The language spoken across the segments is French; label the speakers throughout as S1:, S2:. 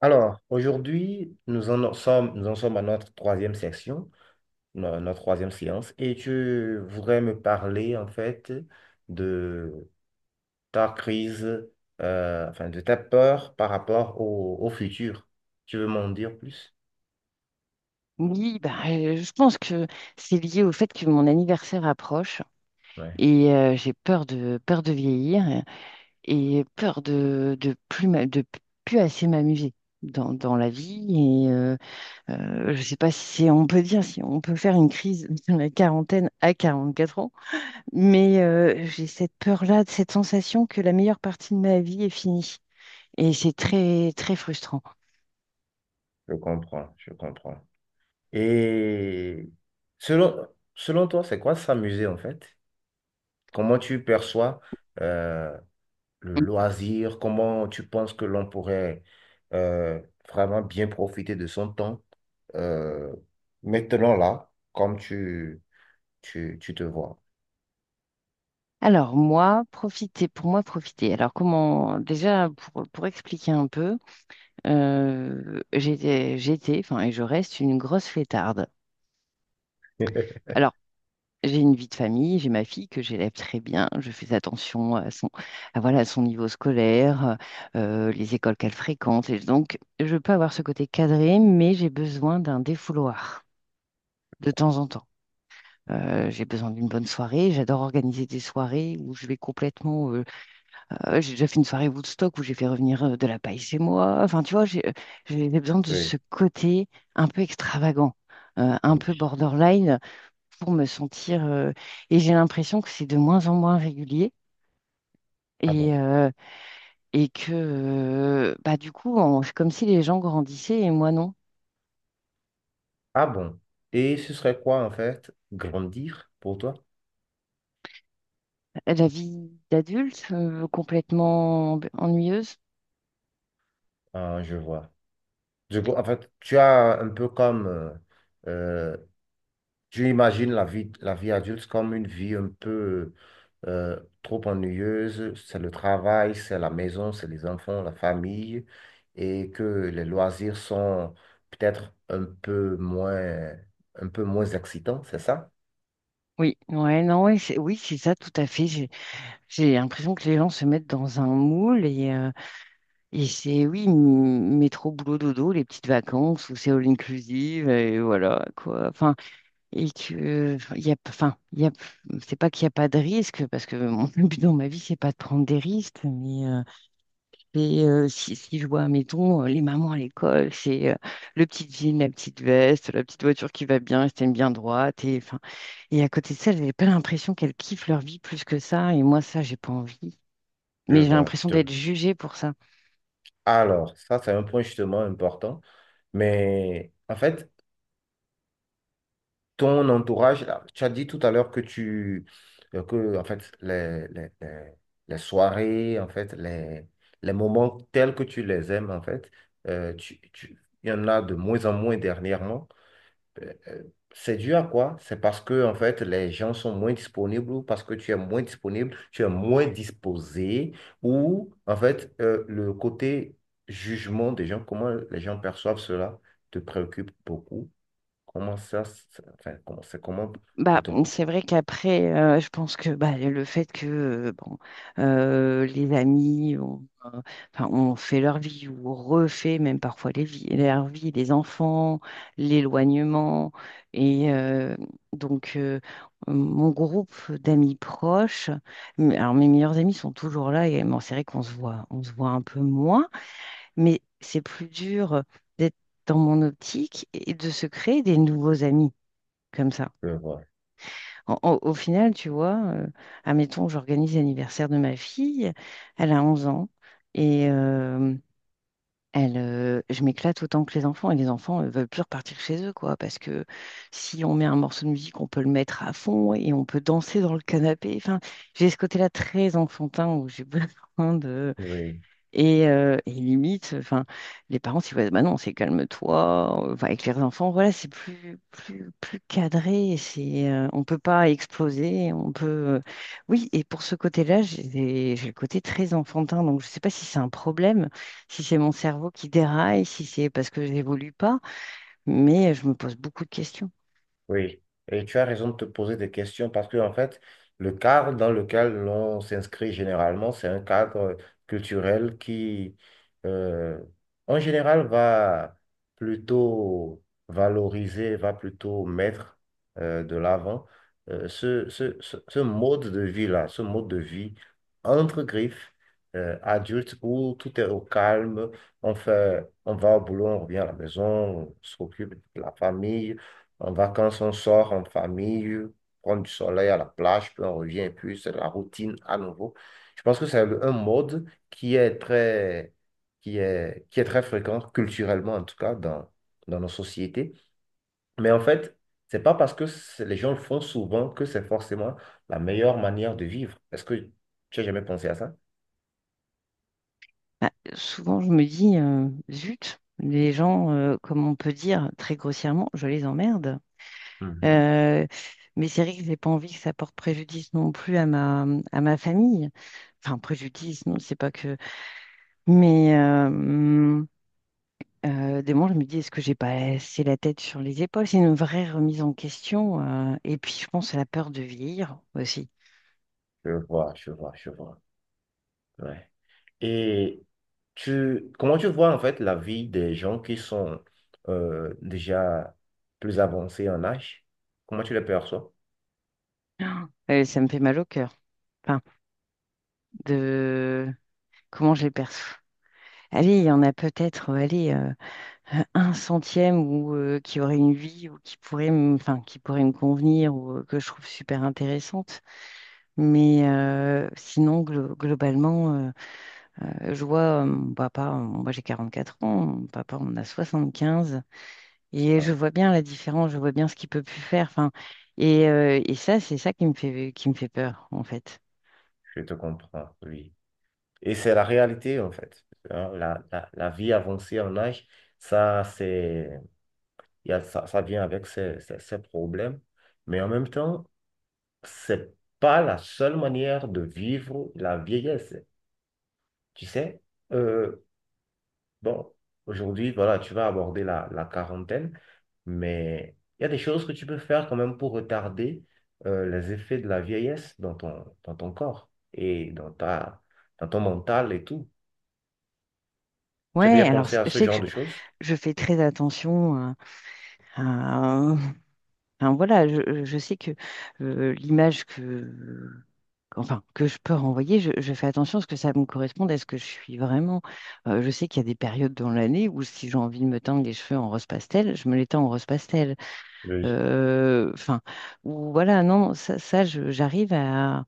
S1: Alors, aujourd'hui, nous en sommes à notre troisième section, notre troisième séance, et tu voudrais me parler en fait de ta crise, enfin de ta peur par rapport au futur. Tu veux m'en dire plus?
S2: Oui, bah, je pense que c'est lié au fait que mon anniversaire approche
S1: Ouais,
S2: et j'ai peur de vieillir et peur de plus assez m'amuser dans la vie et je sais pas si on peut dire si on peut faire une crise de la quarantaine à 44 ans, mais j'ai cette peur-là, cette sensation que la meilleure partie de ma vie est finie et c'est très très frustrant.
S1: je comprends, je comprends. Et selon, selon toi, c'est quoi s'amuser en fait? Comment tu perçois euh, le loisir, comment tu penses que l'on pourrait euh, vraiment bien profiter de son temps euh, maintenant là, comme tu te vois.
S2: Alors moi, profiter, pour moi, profiter. Alors comment, déjà pour expliquer un peu, enfin et je reste une grosse fêtarde. Alors j'ai une vie de famille, j'ai ma fille que j'élève très bien, je fais attention à voilà, à son niveau scolaire, les écoles qu'elle fréquente. Et donc je peux avoir ce côté cadré, mais j'ai besoin d'un défouloir de temps en temps. J'ai besoin d'une bonne soirée. J'adore organiser des soirées où je vais complètement j'ai déjà fait une soirée Woodstock où j'ai fait revenir de la paille chez moi. Enfin, tu vois, j'ai besoin de
S1: Oui,
S2: ce côté un peu extravagant, un peu
S1: oui.
S2: borderline pour me sentir. Et j'ai l'impression que c'est de moins en moins régulier
S1: Ah bon.
S2: et, euh, et que, bah, du coup, on- c'est comme si les gens grandissaient et moi non.
S1: Ah bon. Et ce serait quoi en fait grandir pour toi?
S2: La vie d'adulte, complètement ennuyeuse.
S1: Ah, je vois. Du coup, en fait, tu as un peu comme euh, tu imagines la vie adulte comme une vie un peu trop ennuyeuse, c'est le travail, c'est la maison, c'est les enfants, la famille, et que les loisirs sont peut-être un peu moins excitants, c'est ça?
S2: Oui, ouais, non, ouais, c'est- oui, c'est ça, tout à fait. J'ai l'impression que les gens se mettent dans un moule. Et c'est, oui, m- métro, boulot, dodo, les petites vacances où c'est all inclusive, et voilà, quoi. Enfin, et que, enfin, il y a, enfin, il y a, c'est pas qu'il n'y a pas de risque, parce que mon but dans ma vie, c'est pas de prendre des risques, mais c'est, si, si je vois, mettons, les mamans à l'école, c'est le petit jean, la petite veste, la petite voiture qui va bien, elle se tienne bien droite, et enfin, et à côté de ça, j'avais pas l'impression qu'elles kiffent leur vie plus que ça, et moi, ça, j'ai pas envie.
S1: Je
S2: Mais j'ai
S1: vois, je
S2: l'impression d'être
S1: te...
S2: jugée pour ça.
S1: Alors, ça, c'est un point justement important, mais en fait, ton entourage, là, tu as dit tout à l'heure que que, en fait, les soirées, en fait, les moments tels que tu les aimes, en fait, il y en a de moins en moins dernièrement. Euh, euh, c'est dû à quoi? C'est parce que, en fait, les gens sont moins disponibles ou parce que tu es moins disponible, tu es moins disposé ou, en fait, le côté jugement des gens, comment les gens perçoivent cela, te préoccupe beaucoup. Comment ça, enfin, comment c'est comment de
S2: Bah,
S1: ton
S2: mmh,
S1: côté?
S2: c'est vrai qu'après, je pense que bah, le fait que bon, les amis ont, enfin, ont fait leur vie ou ont refait même parfois les vies, leur vie, les enfants, l'éloignement. Et donc, mon groupe d'amis proches, mais- alors mes meilleurs amis sont toujours là et bon, c'est vrai qu'on se voit, on se voit un peu moins, mais c'est plus dur d'être dans mon optique et de se créer des nouveaux amis comme ça.
S1: Je vois.
S2: En- en- au final, tu vois, admettons, j'organise l'anniversaire de ma fille, elle a 11 ans, et elle, je m'éclate autant que les enfants, et les enfants ne veulent plus repartir chez eux, quoi, parce que si on met un morceau de musique, on peut le mettre à fond et on peut danser dans le canapé. Enfin, j'ai ce côté-là très enfantin où j'ai besoin de,
S1: Oui.
S2: et limite, enfin, les parents, ils voient, bah non, c'est calme-toi. Enfin, avec les enfants, voilà, c'est plus, plus, plus cadré. C'est, on peut pas exploser. On peut, oui. Et pour ce côté-là, j'ai des- j'ai le côté très enfantin. Donc, je sais pas si c'est un problème, si c'est mon cerveau qui déraille, si c'est parce que j'évolue pas. Mais je me pose beaucoup de questions.
S1: Oui, et tu as raison de te poser des questions parce que, en fait, le cadre dans lequel l'on s'inscrit généralement, c'est un cadre culturel qui, euh, en général, va plutôt valoriser, va plutôt mettre de l'avant ce mode de vie-là, ce mode de vie entre griffes, adulte, où tout est au calme, on fait, on va au boulot, on revient à la maison, on s'occupe de la famille. En vacances, on sort en famille, prendre du soleil à la plage, puis on revient, puis c'est la routine à nouveau. Je pense que c'est un mode qui est très fréquent culturellement, en tout cas, dans nos sociétés. Mais en fait, c'est pas parce que les gens le font souvent que c'est forcément la meilleure manière de vivre. Est-ce que tu as jamais pensé à ça?
S2: Bah, souvent, je me dis, zut, les gens, comme on peut dire très grossièrement, je les emmerde.
S1: Mhm.
S2: Euh, mais c'est vrai que j'ai pas envie que ça porte préjudice non plus à à ma famille. Enfin, préjudice, non, c'est pas que. Mais des moments, je me dis, est-ce que j'ai pas assez la tête sur les épaules? C'est une vraie remise en question. Et puis, je pense à la peur de vieillir aussi.
S1: Je vois, je vois, je vois. Ouais. Et comment tu vois en fait la vie des gens qui sont déjà plus avancés en âge? Comment tu les perçois?
S2: Ça me fait mal au cœur. Enfin, de comment je les perçois. Allez, il y en a peut-être, allez, un centième ou qui aurait une vie ou qui pourrait, me- enfin, qui pourrait me convenir ou que je trouve super intéressante. Mais sinon, glo- globalement, je vois mon papa, moi j'ai 44 ans, mon papa on a 75. Et je vois bien la différence, je vois bien ce qu'il peut plus faire. Enfin, et ça, c'est ça qui me fait peur, en fait.
S1: Je te comprends, oui. Et c'est la réalité en fait. Hein, la vie avancée en âge, ça, c'est, ça ça vient avec ses problèmes. Mais en même temps, c'est pas la seule manière de vivre la vieillesse. Tu sais, euh, bon, aujourd'hui, voilà, tu vas aborder la quarantaine, mais il y a des choses que tu peux faire quand même pour retarder les effets de la vieillesse dans dans ton corps et dans dans ton mental et tout. Tu as
S2: Ouais,
S1: déjà
S2: alors
S1: pensé
S2: c'est-
S1: à
S2: je
S1: ce
S2: sais que
S1: genre de choses?
S2: je fais très attention à. Enfin, voilà, je sais que l'image que, enfin, que je peux renvoyer, je fais attention à ce que ça me corresponde, à ce que je suis vraiment. Je sais qu'il y a des périodes dans l'année où si j'ai envie de me teindre les cheveux en rose pastel, je me les teins en rose pastel.
S1: Oui.
S2: Enfin, ou voilà, non, ça, je- j'arrive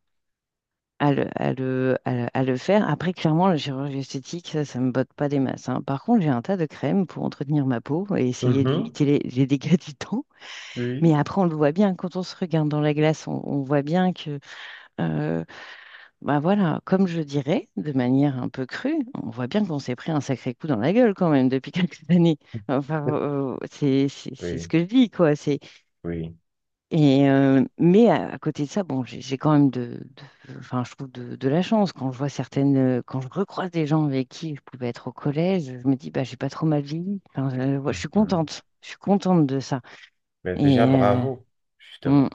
S2: à le, à le, à le faire. Après, clairement, la chirurgie esthétique, ça me botte pas des masses, hein. Par contre, j'ai un tas de crèmes pour entretenir ma peau et essayer de
S1: Mhm.
S2: limiter les dégâts du temps. Mais
S1: Oui.
S2: après, on le voit bien, quand on se regarde dans la glace, on voit bien que, euh, bah voilà, comme je dirais, de manière un peu crue, on voit bien qu'on s'est pris un sacré coup dans la gueule quand même depuis quelques années. Enfin, c'est ce
S1: Oui,
S2: que je dis, quoi. C'est,
S1: oui.
S2: et, mais à côté de ça, bon, j'ai quand même de- enfin, je trouve de la chance quand je vois certaines, quand je recroise des gens avec qui je pouvais être au collège, je me dis, bah, j'ai pas trop mal vieilli. Enfin,
S1: Mhm.
S2: je suis contente de ça.
S1: Mais
S2: Et
S1: déjà, bravo,
S2: mm,
S1: justement.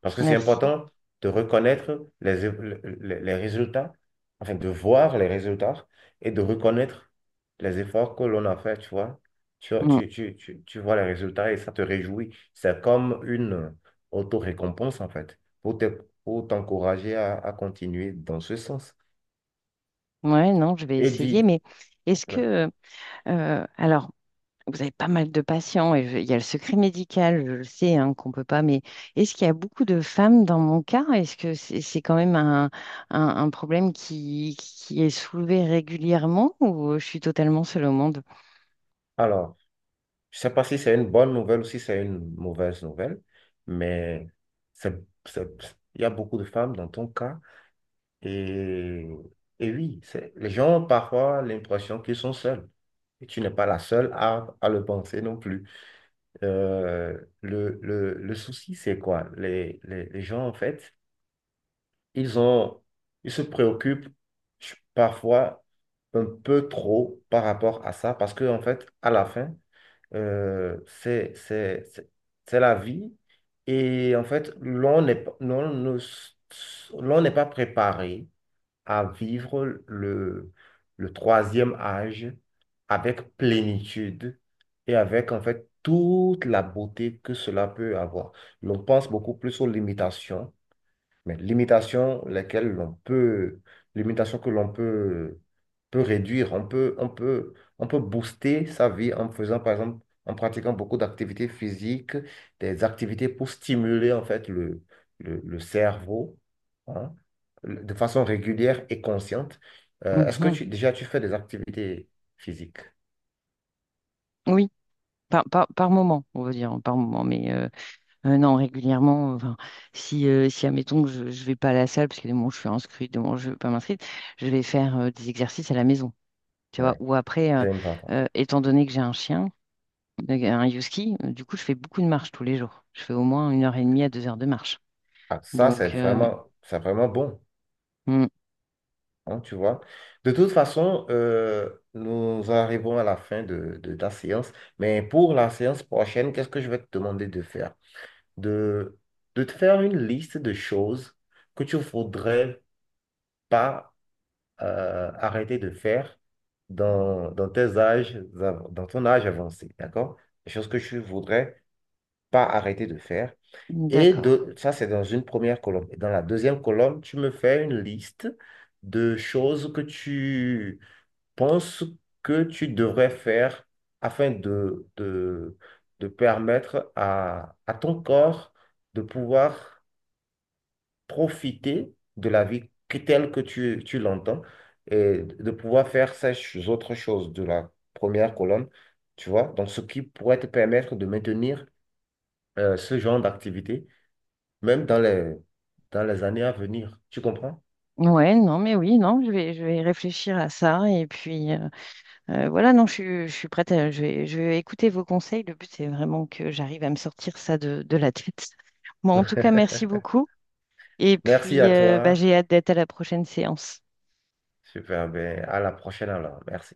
S1: Parce que c'est
S2: merci.
S1: important de reconnaître les résultats, enfin de voir les résultats et de reconnaître les efforts que l'on a fait, tu vois. Tu,
S2: Mm.
S1: tu, tu, tu, tu vois les résultats et ça te réjouit. C'est comme une auto-récompense, en fait, pour t'encourager à continuer dans ce sens.
S2: Ouais, non, je vais
S1: Et
S2: essayer,
S1: dit,
S2: mais est-ce que, alors, vous avez pas mal de patients et je- il y a le secret médical, je le sais, hein, qu'on peut pas, mais est-ce qu'il y a beaucoup de femmes dans mon cas? Est-ce que c'est quand même un problème qui est soulevé régulièrement ou je suis totalement seule au monde?
S1: alors, je ne sais pas si c'est une bonne nouvelle ou si c'est une mauvaise nouvelle, mais c'est, c'est- il y a beaucoup de femmes dans ton cas. Et, et oui, les gens ont parfois l'impression qu'ils sont seuls. Et tu n'es pas la seule à le penser non plus. Le souci, c'est quoi? Les gens, en fait, ils ont, ils se préoccupent parfois un peu trop par rapport à ça, parce que, en fait, à la fin, euh, c'est, c'est, c'est c'est la vie. Et en fait, l'on n'est pas préparé à vivre le troisième âge avec plénitude et avec en fait toute la beauté que cela peut avoir. Mais on pense beaucoup plus aux limitations mais limitations lesquelles limitations que peut réduire. On peut booster sa vie en faisant, par exemple, en pratiquant beaucoup d'activités physiques, des activités pour stimuler en fait le cerveau, hein, de façon régulière et consciente. Est-ce que
S2: Mhm.
S1: déjà tu fais des activités physiques?
S2: Oui, par moment, on va dire, hein, par moment, mais non, régulièrement, enfin, si, si admettons que je ne vais pas à la salle, parce que des moments où je suis inscrite, des moments où je ne vais pas m'inscrire, je vais faire des exercices à la maison. Tu vois,
S1: Ouais,
S2: ou après,
S1: c'est important.
S2: étant donné que j'ai un chien, un husky, du coup, je fais beaucoup de marche tous les jours. Je fais au moins 1 h 30 à 2 heures de marche.
S1: Ah, ça,
S2: Donc,
S1: c'est vraiment bon.
S2: hmm,
S1: Hein, tu vois. De toute façon, nous arrivons à la fin de ta séance. Mais pour la séance prochaine, qu'est-ce que je vais te demander de faire? De, de te faire une liste de choses que tu ne voudrais pas arrêter de faire dans tes dans ton âge avancé, d'accord? Des choses que tu ne voudrais pas arrêter de faire. Et
S2: d'accord.
S1: de, ça, c'est dans une première colonne. Et dans la deuxième colonne, tu me fais une liste de choses que tu penses que tu devrais faire afin de permettre à ton corps de pouvoir profiter de la vie telle que tu l'entends et de pouvoir faire ces autres choses de la première colonne, tu vois? Donc, ce qui pourrait te permettre de maintenir ce genre d'activité, même dans dans les années à venir. Tu comprends?
S2: Ouais, non, mais oui, non, je vais réfléchir à ça. Et puis, voilà, non, je suis prête à je vais écouter vos conseils. Le but, c'est vraiment que j'arrive à me sortir ça de la tête. Bon, en tout cas, merci beaucoup. Et
S1: Merci
S2: puis,
S1: à
S2: bah,
S1: toi.
S2: j'ai hâte d'être à la prochaine séance.
S1: Super, ben à la prochaine alors. Merci.